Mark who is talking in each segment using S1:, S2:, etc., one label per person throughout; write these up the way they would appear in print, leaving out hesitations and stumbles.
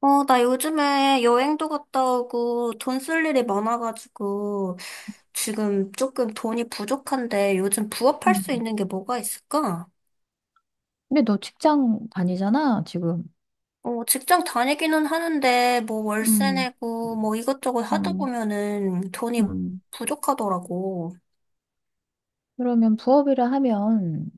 S1: 나 요즘에 여행도 갔다 오고 돈 쓸 일이 많아가지고 지금 조금 돈이 부족한데 요즘 부업할 수
S2: 음.
S1: 있는 게 뭐가 있을까?
S2: 근데 너 직장 다니잖아, 지금.
S1: 직장 다니기는 하는데 뭐 월세
S2: 음,
S1: 내고 뭐 이것저것 하다
S2: 음,
S1: 보면은 돈이
S2: 음.
S1: 부족하더라고.
S2: 그러면 부업이라 하면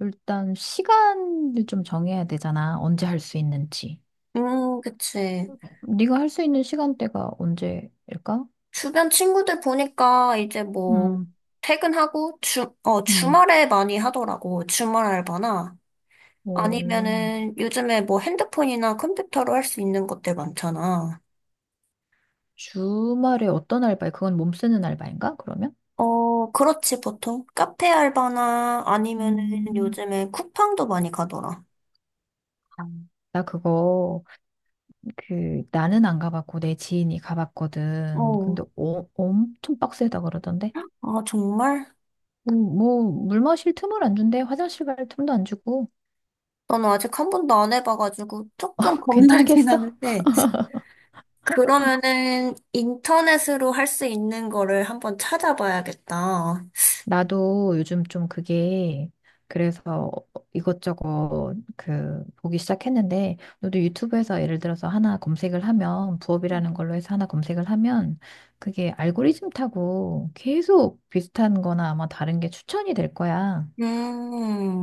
S2: 일단 시간을 좀 정해야 되잖아. 언제 할 수 있는지.
S1: 그치.
S2: 네가 할 수 있는 시간대가 언제일까?
S1: 주변 친구들 보니까 이제 뭐
S2: 음,
S1: 퇴근하고
S2: 음,
S1: 주말에 많이 하더라고. 주말 알바나.
S2: 오.
S1: 아니면은 요즘에 뭐 핸드폰이나 컴퓨터로 할 수 있는 것들 많잖아.
S2: 주말에 어떤 알바야? 그건 몸 쓰는 알바인가? 그러면?
S1: 어, 그렇지, 보통. 카페 알바나 아니면은
S2: 음.
S1: 요즘에 쿠팡도 많이 가더라.
S2: 아, 나 그거, 나는 안 가봤고 내 지인이 가봤거든.
S1: 어,
S2: 근데 엄청 빡세다 그러던데.
S1: 아, 정말?
S2: 뭐, 물 마실 틈을 안 준대. 화장실 갈 틈도 안 주고.
S1: 나는 아직 한 번도 안 해봐가지고 조금 겁나긴
S2: 괜찮겠어?
S1: 하는데. 그러면은 인터넷으로 할 수 있는 거를 한번 찾아봐야겠다.
S2: 나도 요즘 좀 그게, 그래서 이것저것 그, 보기 시작했는데, 너도 유튜브에서 예를 들어서 하나 검색을 하면, 부업이라는 걸로 해서 하나 검색을 하면, 그게 알고리즘 타고 계속 비슷한 거나 아마 다른 게 추천이 될 거야.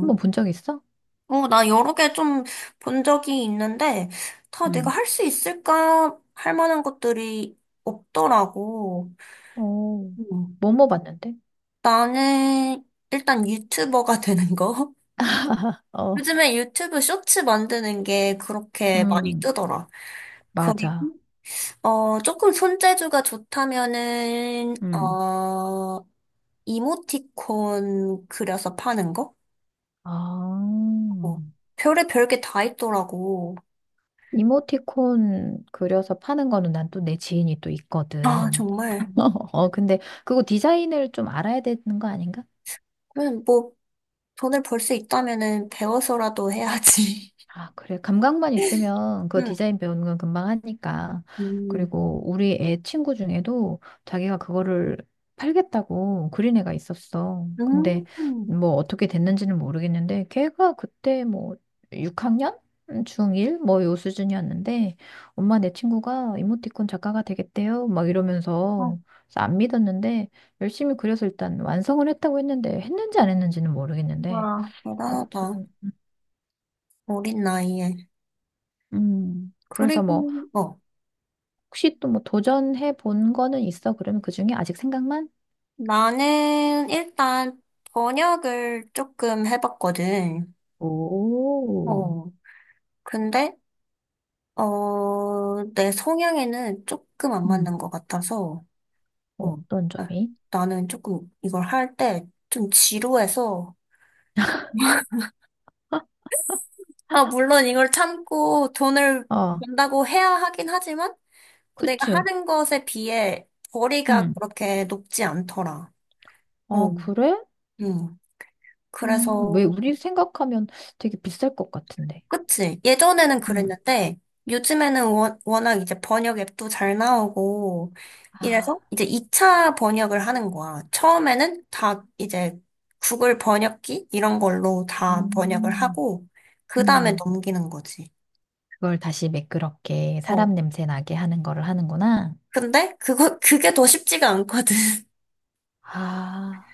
S2: 한번 본 적 있어?
S1: 나 여러 개 좀 본 적이 있는데, 다 내가
S2: 응.
S1: 할 수 있을까? 할 만한 것들이 없더라고.
S2: 오.
S1: 음.
S2: 뭐뭐 봤는데?
S1: 나는 일단 유튜버가 되는 거.
S2: 어,
S1: 요즘에 유튜브 쇼츠 만드는 게 그렇게 많이
S2: 음,
S1: 뜨더라. 그리고,
S2: 맞아.
S1: 조금 손재주가 좋다면은,
S2: 음.
S1: 이모티콘 그려서 파는 거?
S2: 아.
S1: 어, 별의별 게 다 있더라고.
S2: 이모티콘 그려서 파는 거는 난 또 내 지인이 또
S1: 아,
S2: 있거든.
S1: 정말.
S2: 근데 그거 디자인을 좀 알아야 되는 거 아닌가?
S1: 그냥 뭐, 돈을 벌 수 있다면은 배워서라도 해야지.
S2: 아, 그래. 감각만 있으면 그
S1: 응.
S2: 디자인 배우는 건 금방 하니까.
S1: 음,
S2: 그리고 우리 애 친구 중에도 자기가 그거를 팔겠다고 그린 애가 있었어. 근데
S1: 음,
S2: 뭐 어떻게 됐는지는 모르겠는데, 걔가 그때 뭐 6학년? 중1? 뭐 요 수준이었는데, 엄마, 내 친구가 이모티콘 작가가 되겠대요, 막
S1: 아,
S2: 이러면서. 그래서 안 믿었는데 열심히 그려서 일단 완성을 했다고 했는데, 했는지 안 했는지는 모르겠는데,
S1: 와, 대단하다.
S2: 아무튼.
S1: 어린 나이에.
S2: 음. 그래서
S1: 그리고,
S2: 뭐, 혹시 또 뭐 도전해 본 거는 있어? 그러면 그 중에 아직 생각만?
S1: 나는 일단 번역을 조금 해봤거든.
S2: 오,
S1: 어, 근데, 내 성향에는 조금 안
S2: 음.
S1: 맞는 것 같아서, 어,
S2: 어떤
S1: 아,
S2: 점이?
S1: 나는 조금 이걸 할 때 좀 지루해서, 아, 물론 이걸 참고 돈을
S2: 아,
S1: 번다고 해야 하긴 하지만, 내가
S2: 그치.
S1: 하는 것에 비해 거리가
S2: 음.
S1: 그렇게 높지 않더라. 어,
S2: 아, 그래?
S1: 음.
S2: 왜,
S1: 그래서,
S2: 우리 생각하면 되게 비쌀 것 같은데.
S1: 그치. 예전에는
S2: 음.
S1: 그랬는데, 요즘에는 워낙 이제 번역 앱도 잘 나오고, 이래서
S2: 아,
S1: 이제 2차 번역을 하는 거야. 처음에는 다 이제 구글 번역기? 이런 걸로 다 번역을
S2: 음,
S1: 하고, 그 다음에
S2: 음.
S1: 넘기는 거지.
S2: 그걸 다시 매끄럽게
S1: 어.
S2: 사람 냄새 나게 하는 거를 하는구나.
S1: 그게 더 쉽지가 않거든.
S2: 아,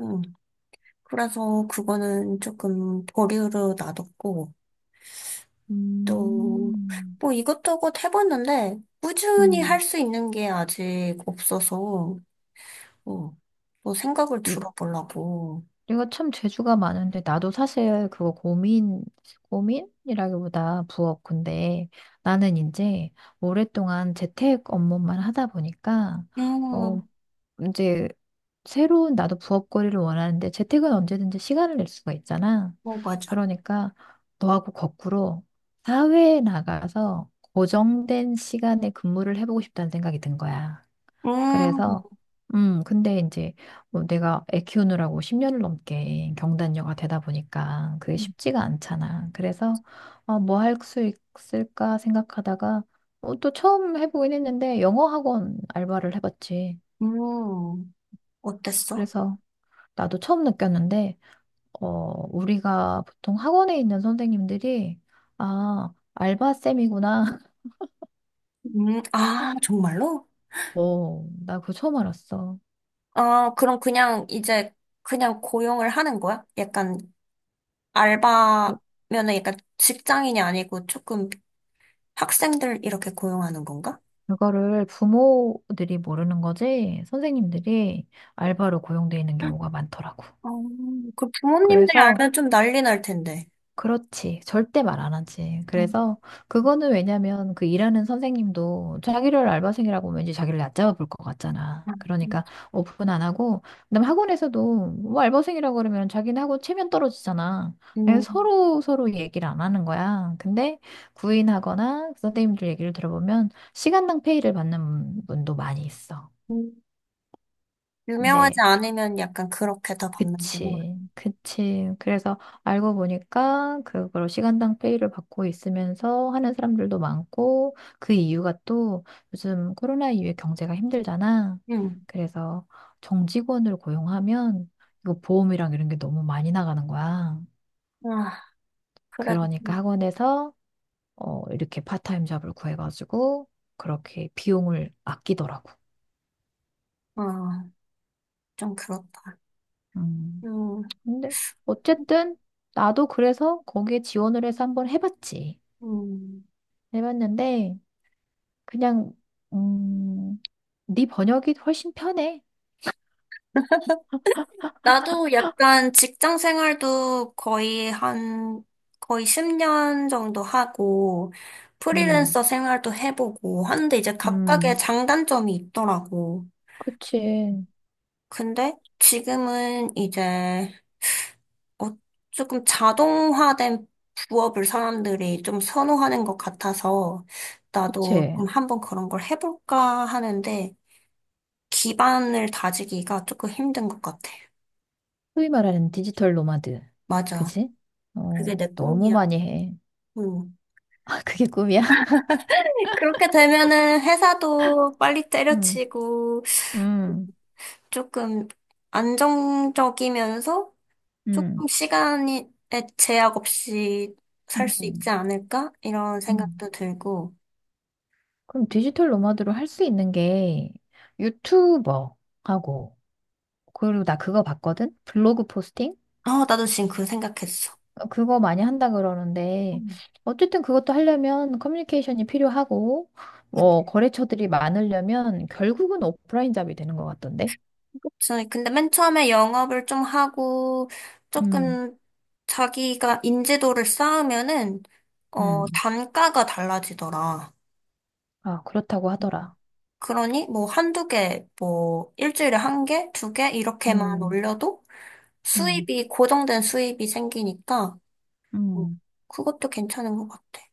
S1: 음. 그래서 그거는 조금 보류로 놔뒀고, 또,
S2: 음.
S1: 뭐 이것저것 해봤는데, 꾸준히 할
S2: 음.
S1: 수 있는 게 아직 없어서, 어, 또 생각을 들어보려고.
S2: 이거 참 재주가 많은데, 나도 사실 그거 고민, 고민이라기보다 부업, 근데 나는 이제 오랫동안 재택 업무만 하다 보니까, 어
S1: 음,
S2: 이제, 새로운 나도 부업거리를 원하는데 재택은 언제든지 시간을 낼 수가 있잖아.
S1: 어, 맞아.
S2: 그러니까 너하고 거꾸로 사회에 나가서 고정된 시간에 근무를 해보고 싶다는 생각이 든 거야.
S1: 음,
S2: 그래서, 근데 이제 뭐 내가 애 키우느라고 10년을 넘게 경단녀가 되다 보니까 그게 쉽지가 않잖아. 그래서, 뭐 할 수 있을까 생각하다가, 또 처음 해보긴 했는데, 영어 학원 알바를 해봤지.
S1: 음, 어땠어?
S2: 그래서 나도 처음 느꼈는데, 어, 우리가 보통 학원에 있는 선생님들이, 아, 알바쌤이구나.
S1: 아, 정말로?
S2: 나 그거 처음 알았어.
S1: 아, 그럼 그냥 이제, 그냥 고용을 하는 거야? 약간, 알바면은 약간 직장인이 아니고 조금 학생들 이렇게 고용하는 건가?
S2: 그거를 부모들이 모르는 거지. 선생님들이 알바로 고용돼 있는 경우가 많더라고.
S1: 어, 그 부모님들이
S2: 그래서,
S1: 알면 좀 난리 날 텐데.
S2: 그렇지. 절대 말 안 하지.
S1: 음.
S2: 그래서, 그거는 왜냐면 그 일하는 선생님도 자기를 알바생이라고 왠지 자기를 얕잡아 볼 것 같잖아.
S1: 음.
S2: 그러니까 오픈 안 하고, 그다음 학원에서도 뭐 알바생이라고 그러면 자기는 학원 체면 떨어지잖아. 그냥
S1: 음,
S2: 서로 서로 얘기를 안 하는 거야. 근데 구인하거나 그 선생님들 얘기를 들어보면 시간당 페이를 받는 분도 많이 있어.
S1: 음. 유명하지
S2: 네,
S1: 않으면 약간 그렇게 더 받는구나.
S2: 그치, 그치. 그래서 알고 보니까 그걸로 시간당 페이를 받고 있으면서 하는 사람들도 많고, 그 이유가 또 요즘 코로나 이후에 경제가 힘들잖아.
S1: 음,
S2: 그래서 정직원을 고용하면 이거 보험이랑 이런 게 너무 많이 나가는 거야.
S1: 아, 그래도,
S2: 그러니까 학원에서 이렇게 파타임 잡을 구해가지고 그렇게 비용을 아끼더라고.
S1: 아, 좀 그렇다.
S2: 음.
S1: 음,
S2: 근데 어쨌든 나도 그래서 거기에 지원을 해서 한번 해봤지.
S1: 음.
S2: 해봤는데 그냥, 음, 네 번역이 훨씬 편해.
S1: 나도 약간 직장 생활도 거의 한, 거의 10년 정도 하고,
S2: 음,
S1: 프리랜서 생활도 해보고, 하는데 이제 각각의
S2: 음,
S1: 장단점이 있더라고.
S2: 그치,
S1: 근데 지금은 이제 어, 조금 자동화된 부업을 사람들이 좀 선호하는 것 같아서 나도
S2: 그치.
S1: 좀 한번 그런 걸 해볼까 하는데 기반을 다지기가 조금 힘든 것 같아.
S2: 소위 말하는 디지털 노마드.
S1: 맞아.
S2: 그치?
S1: 그게 내
S2: 너무
S1: 꿈이야.
S2: 많이 해.
S1: 음.
S2: 아, 그게 꿈이야?
S1: 그렇게 되면은 회사도 빨리
S2: 음,
S1: 때려치고
S2: 음,
S1: 조금 안정적이면서 조금
S2: 음,
S1: 시간에 제약 없이 살 수 있지
S2: 음,
S1: 않을까? 이런
S2: 음.
S1: 생각도 들고.
S2: 그럼 디지털 노마드로 할 수 있는 게 유튜버하고, 그리고 나 그거 봤거든? 블로그 포스팅?
S1: 아, 나도 지금 그 생각했어.
S2: 그거 많이 한다 그러는데,
S1: 응.
S2: 어쨌든 그것도 하려면 커뮤니케이션이 필요하고, 뭐, 거래처들이 많으려면 결국은 오프라인 잡이 되는 것 같던데?
S1: 그치. 근데 맨 처음에 영업을 좀 하고
S2: 음,
S1: 조금 자기가 인지도를 쌓으면은 어
S2: 음,
S1: 단가가 달라지더라.
S2: 아, 그렇다고
S1: 음.
S2: 하더라.
S1: 그러니 뭐 한두 개, 뭐 일주일에 한 개, 두 개 이렇게만
S2: 음,
S1: 올려도
S2: 음,
S1: 수입이 고정된 수입이 생기니까 어,
S2: 음,
S1: 그것도 괜찮은 것 같아.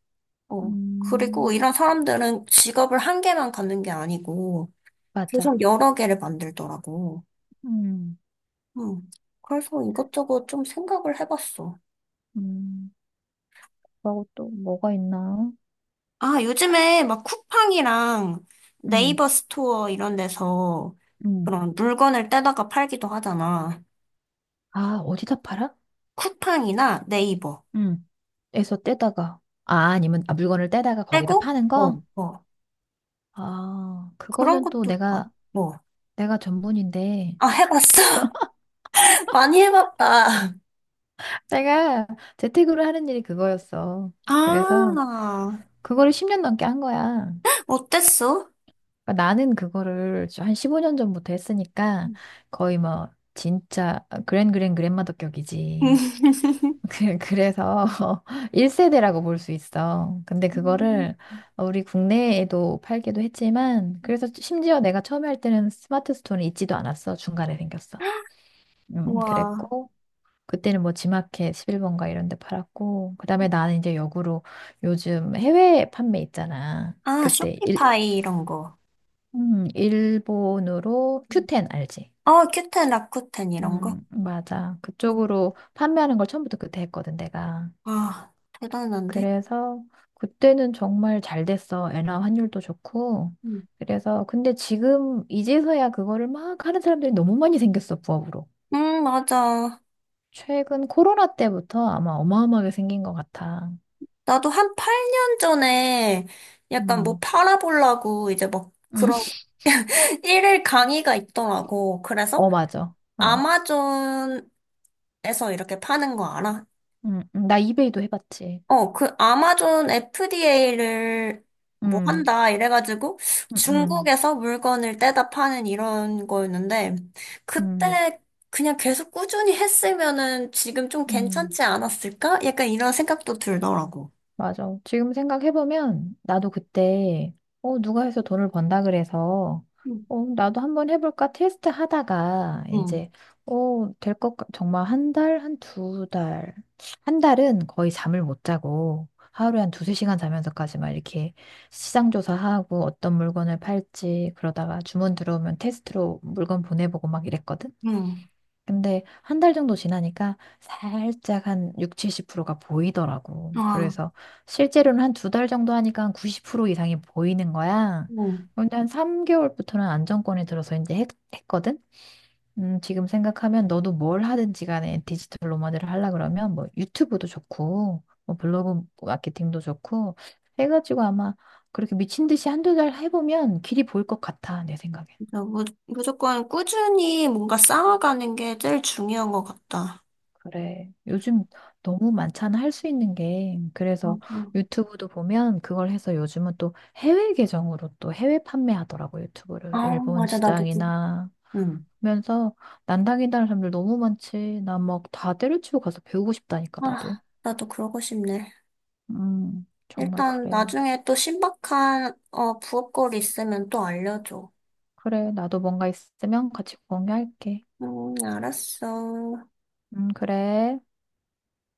S1: 어. 그리고
S2: 음,
S1: 이런 사람들은 직업을 한 개만 갖는 게 아니고
S2: 맞아.
S1: 계속 여러 개를 만들더라고.
S2: 음,
S1: 음. 그래서 이것저것 좀 생각을 해봤어.
S2: 음, 그리고 또 뭐가 있나?
S1: 아, 요즘에 막 쿠팡이랑
S2: 음,
S1: 네이버 스토어 이런 데서
S2: 음,
S1: 그런 물건을 떼다가 팔기도 하잖아.
S2: 아, 어디다 팔아?
S1: 쿠팡이나 네이버.
S2: 음. 에서 떼다가. 아, 아니면, 물건을 떼다가 거기다
S1: 떼고,
S2: 파는
S1: 어,
S2: 거?
S1: 어.
S2: 아, 그거는 또 내가
S1: 뭐.
S2: 내가 전문인데.
S1: 아, 해봤어? 많이 해봤다.
S2: 내가 재택으로 하는 일이 그거였어.
S1: 아,
S2: 그래서 그거를 10년 넘게 한 거야.
S1: 어땠어?
S2: 그러니까 나는 그거를 한 15년 전부터 했으니까 거의 뭐 진짜 그랜마더격이지. 그래서 1세대라고 볼 수 있어. 근데
S1: 음.
S2: 그거를, 우리 국내에도 팔기도 했지만, 그래서 심지어 내가 처음에 할 때는 스마트 스토어는 있지도 않았어. 중간에 생겼어.
S1: 와.
S2: 그랬고, 그때는 뭐 지마켓 11번가 이런 데 팔았고, 그다음에 나는 이제 역으로, 요즘 해외 판매 있잖아.
S1: 아,
S2: 그때 일,
S1: 쇼피파이 이런 거.
S2: 일본으로 큐텐 알지?
S1: 어, 큐텐, 라쿠텐 이런 거.
S2: 맞아. 그쪽으로 판매하는 걸 처음부터 그때 했거든, 내가.
S1: 아, 대단한데?
S2: 그래서 그때는 정말 잘 됐어. 엔화 환율도 좋고.
S1: 음,
S2: 그래서 근데 지금 이제서야 그거를 막 하는 사람들이 너무 많이 생겼어, 부업으로.
S1: 맞아.
S2: 최근 코로나 때부터 아마 어마어마하게 생긴 것 같아.
S1: 나도 한 8년 전에 약간 뭐
S2: 음.
S1: 팔아보려고 이제 막
S2: 음.
S1: 그런 일일 강의가 있더라고. 그래서
S2: 어, 맞아. 어.
S1: 아마존에서 이렇게 파는 거 알아?
S2: 나 이베이도 해봤지.
S1: 어, 그 아마존 FDA를 뭐
S2: 음,
S1: 한다 이래가지고
S2: 음, 음,
S1: 중국에서 물건을 떼다 파는 이런 거였는데
S2: 음,
S1: 그때 그냥 계속 꾸준히 했으면은 지금 좀
S2: 음.
S1: 괜찮지 않았을까? 약간 이런 생각도 들더라고.
S2: 맞아. 지금 생각해보면 나도 그때, 누가 해서 돈을 번다 그래서,
S1: 응,
S2: 나도 한번 해볼까 테스트 하다가,
S1: 응,
S2: 이제, 될 것, 정말 한 달, 한 두 달. 한 달은 거의 잠을 못 자고, 하루에 한 두세 시간 자면서까지 막 이렇게 시장 조사하고 어떤 물건을 팔지, 그러다가 주문 들어오면 테스트로 물건 보내보고 막 이랬거든?
S1: 응.
S2: 근데 한 달 정도 지나니까 살짝 한 6, 70%가 보이더라고.
S1: 아,
S2: 그래서 실제로는 한 두 달 정도 하니까 한 90% 이상이 보이는 거야.
S1: 응.
S2: 근데 한 3개월부터는 안정권에 들어서 이제 했거든? 지금 생각하면 너도 뭘 하든지 간에 디지털 노마드를 하려 그러면 뭐 유튜브도 좋고, 뭐 블로그 마케팅도 좋고, 해가지고 아마 그렇게 미친 듯이 한 두 달 해보면 길이 보일 것 같아, 내 생각에.
S1: 진짜 무조건 꾸준히 뭔가 쌓아가는 게 제일 중요한 것 같다.
S2: 그래. 요즘 너무 많잖아, 할 수 있는 게. 그래서
S1: 맞아.
S2: 유튜브도 보면 그걸 해서 요즘은 또 해외 계정으로 또 해외 판매하더라고,
S1: 아,
S2: 유튜브를. 일본
S1: 맞아. 나도, 그-
S2: 시장이나
S1: 응.
S2: 하면서, 난당이다는 사람들 너무 많지. 나 막 다 때려치고 가서 배우고 싶다니까, 나도.
S1: 아, 나도 그러고 싶네.
S2: 정말
S1: 일단
S2: 그래.
S1: 나중에 또 신박한, 어, 부업거리 있으면 또 알려줘.
S2: 그래, 나도 뭔가 있으면 같이 공유할게.
S1: 응, 알았어.
S2: 그래.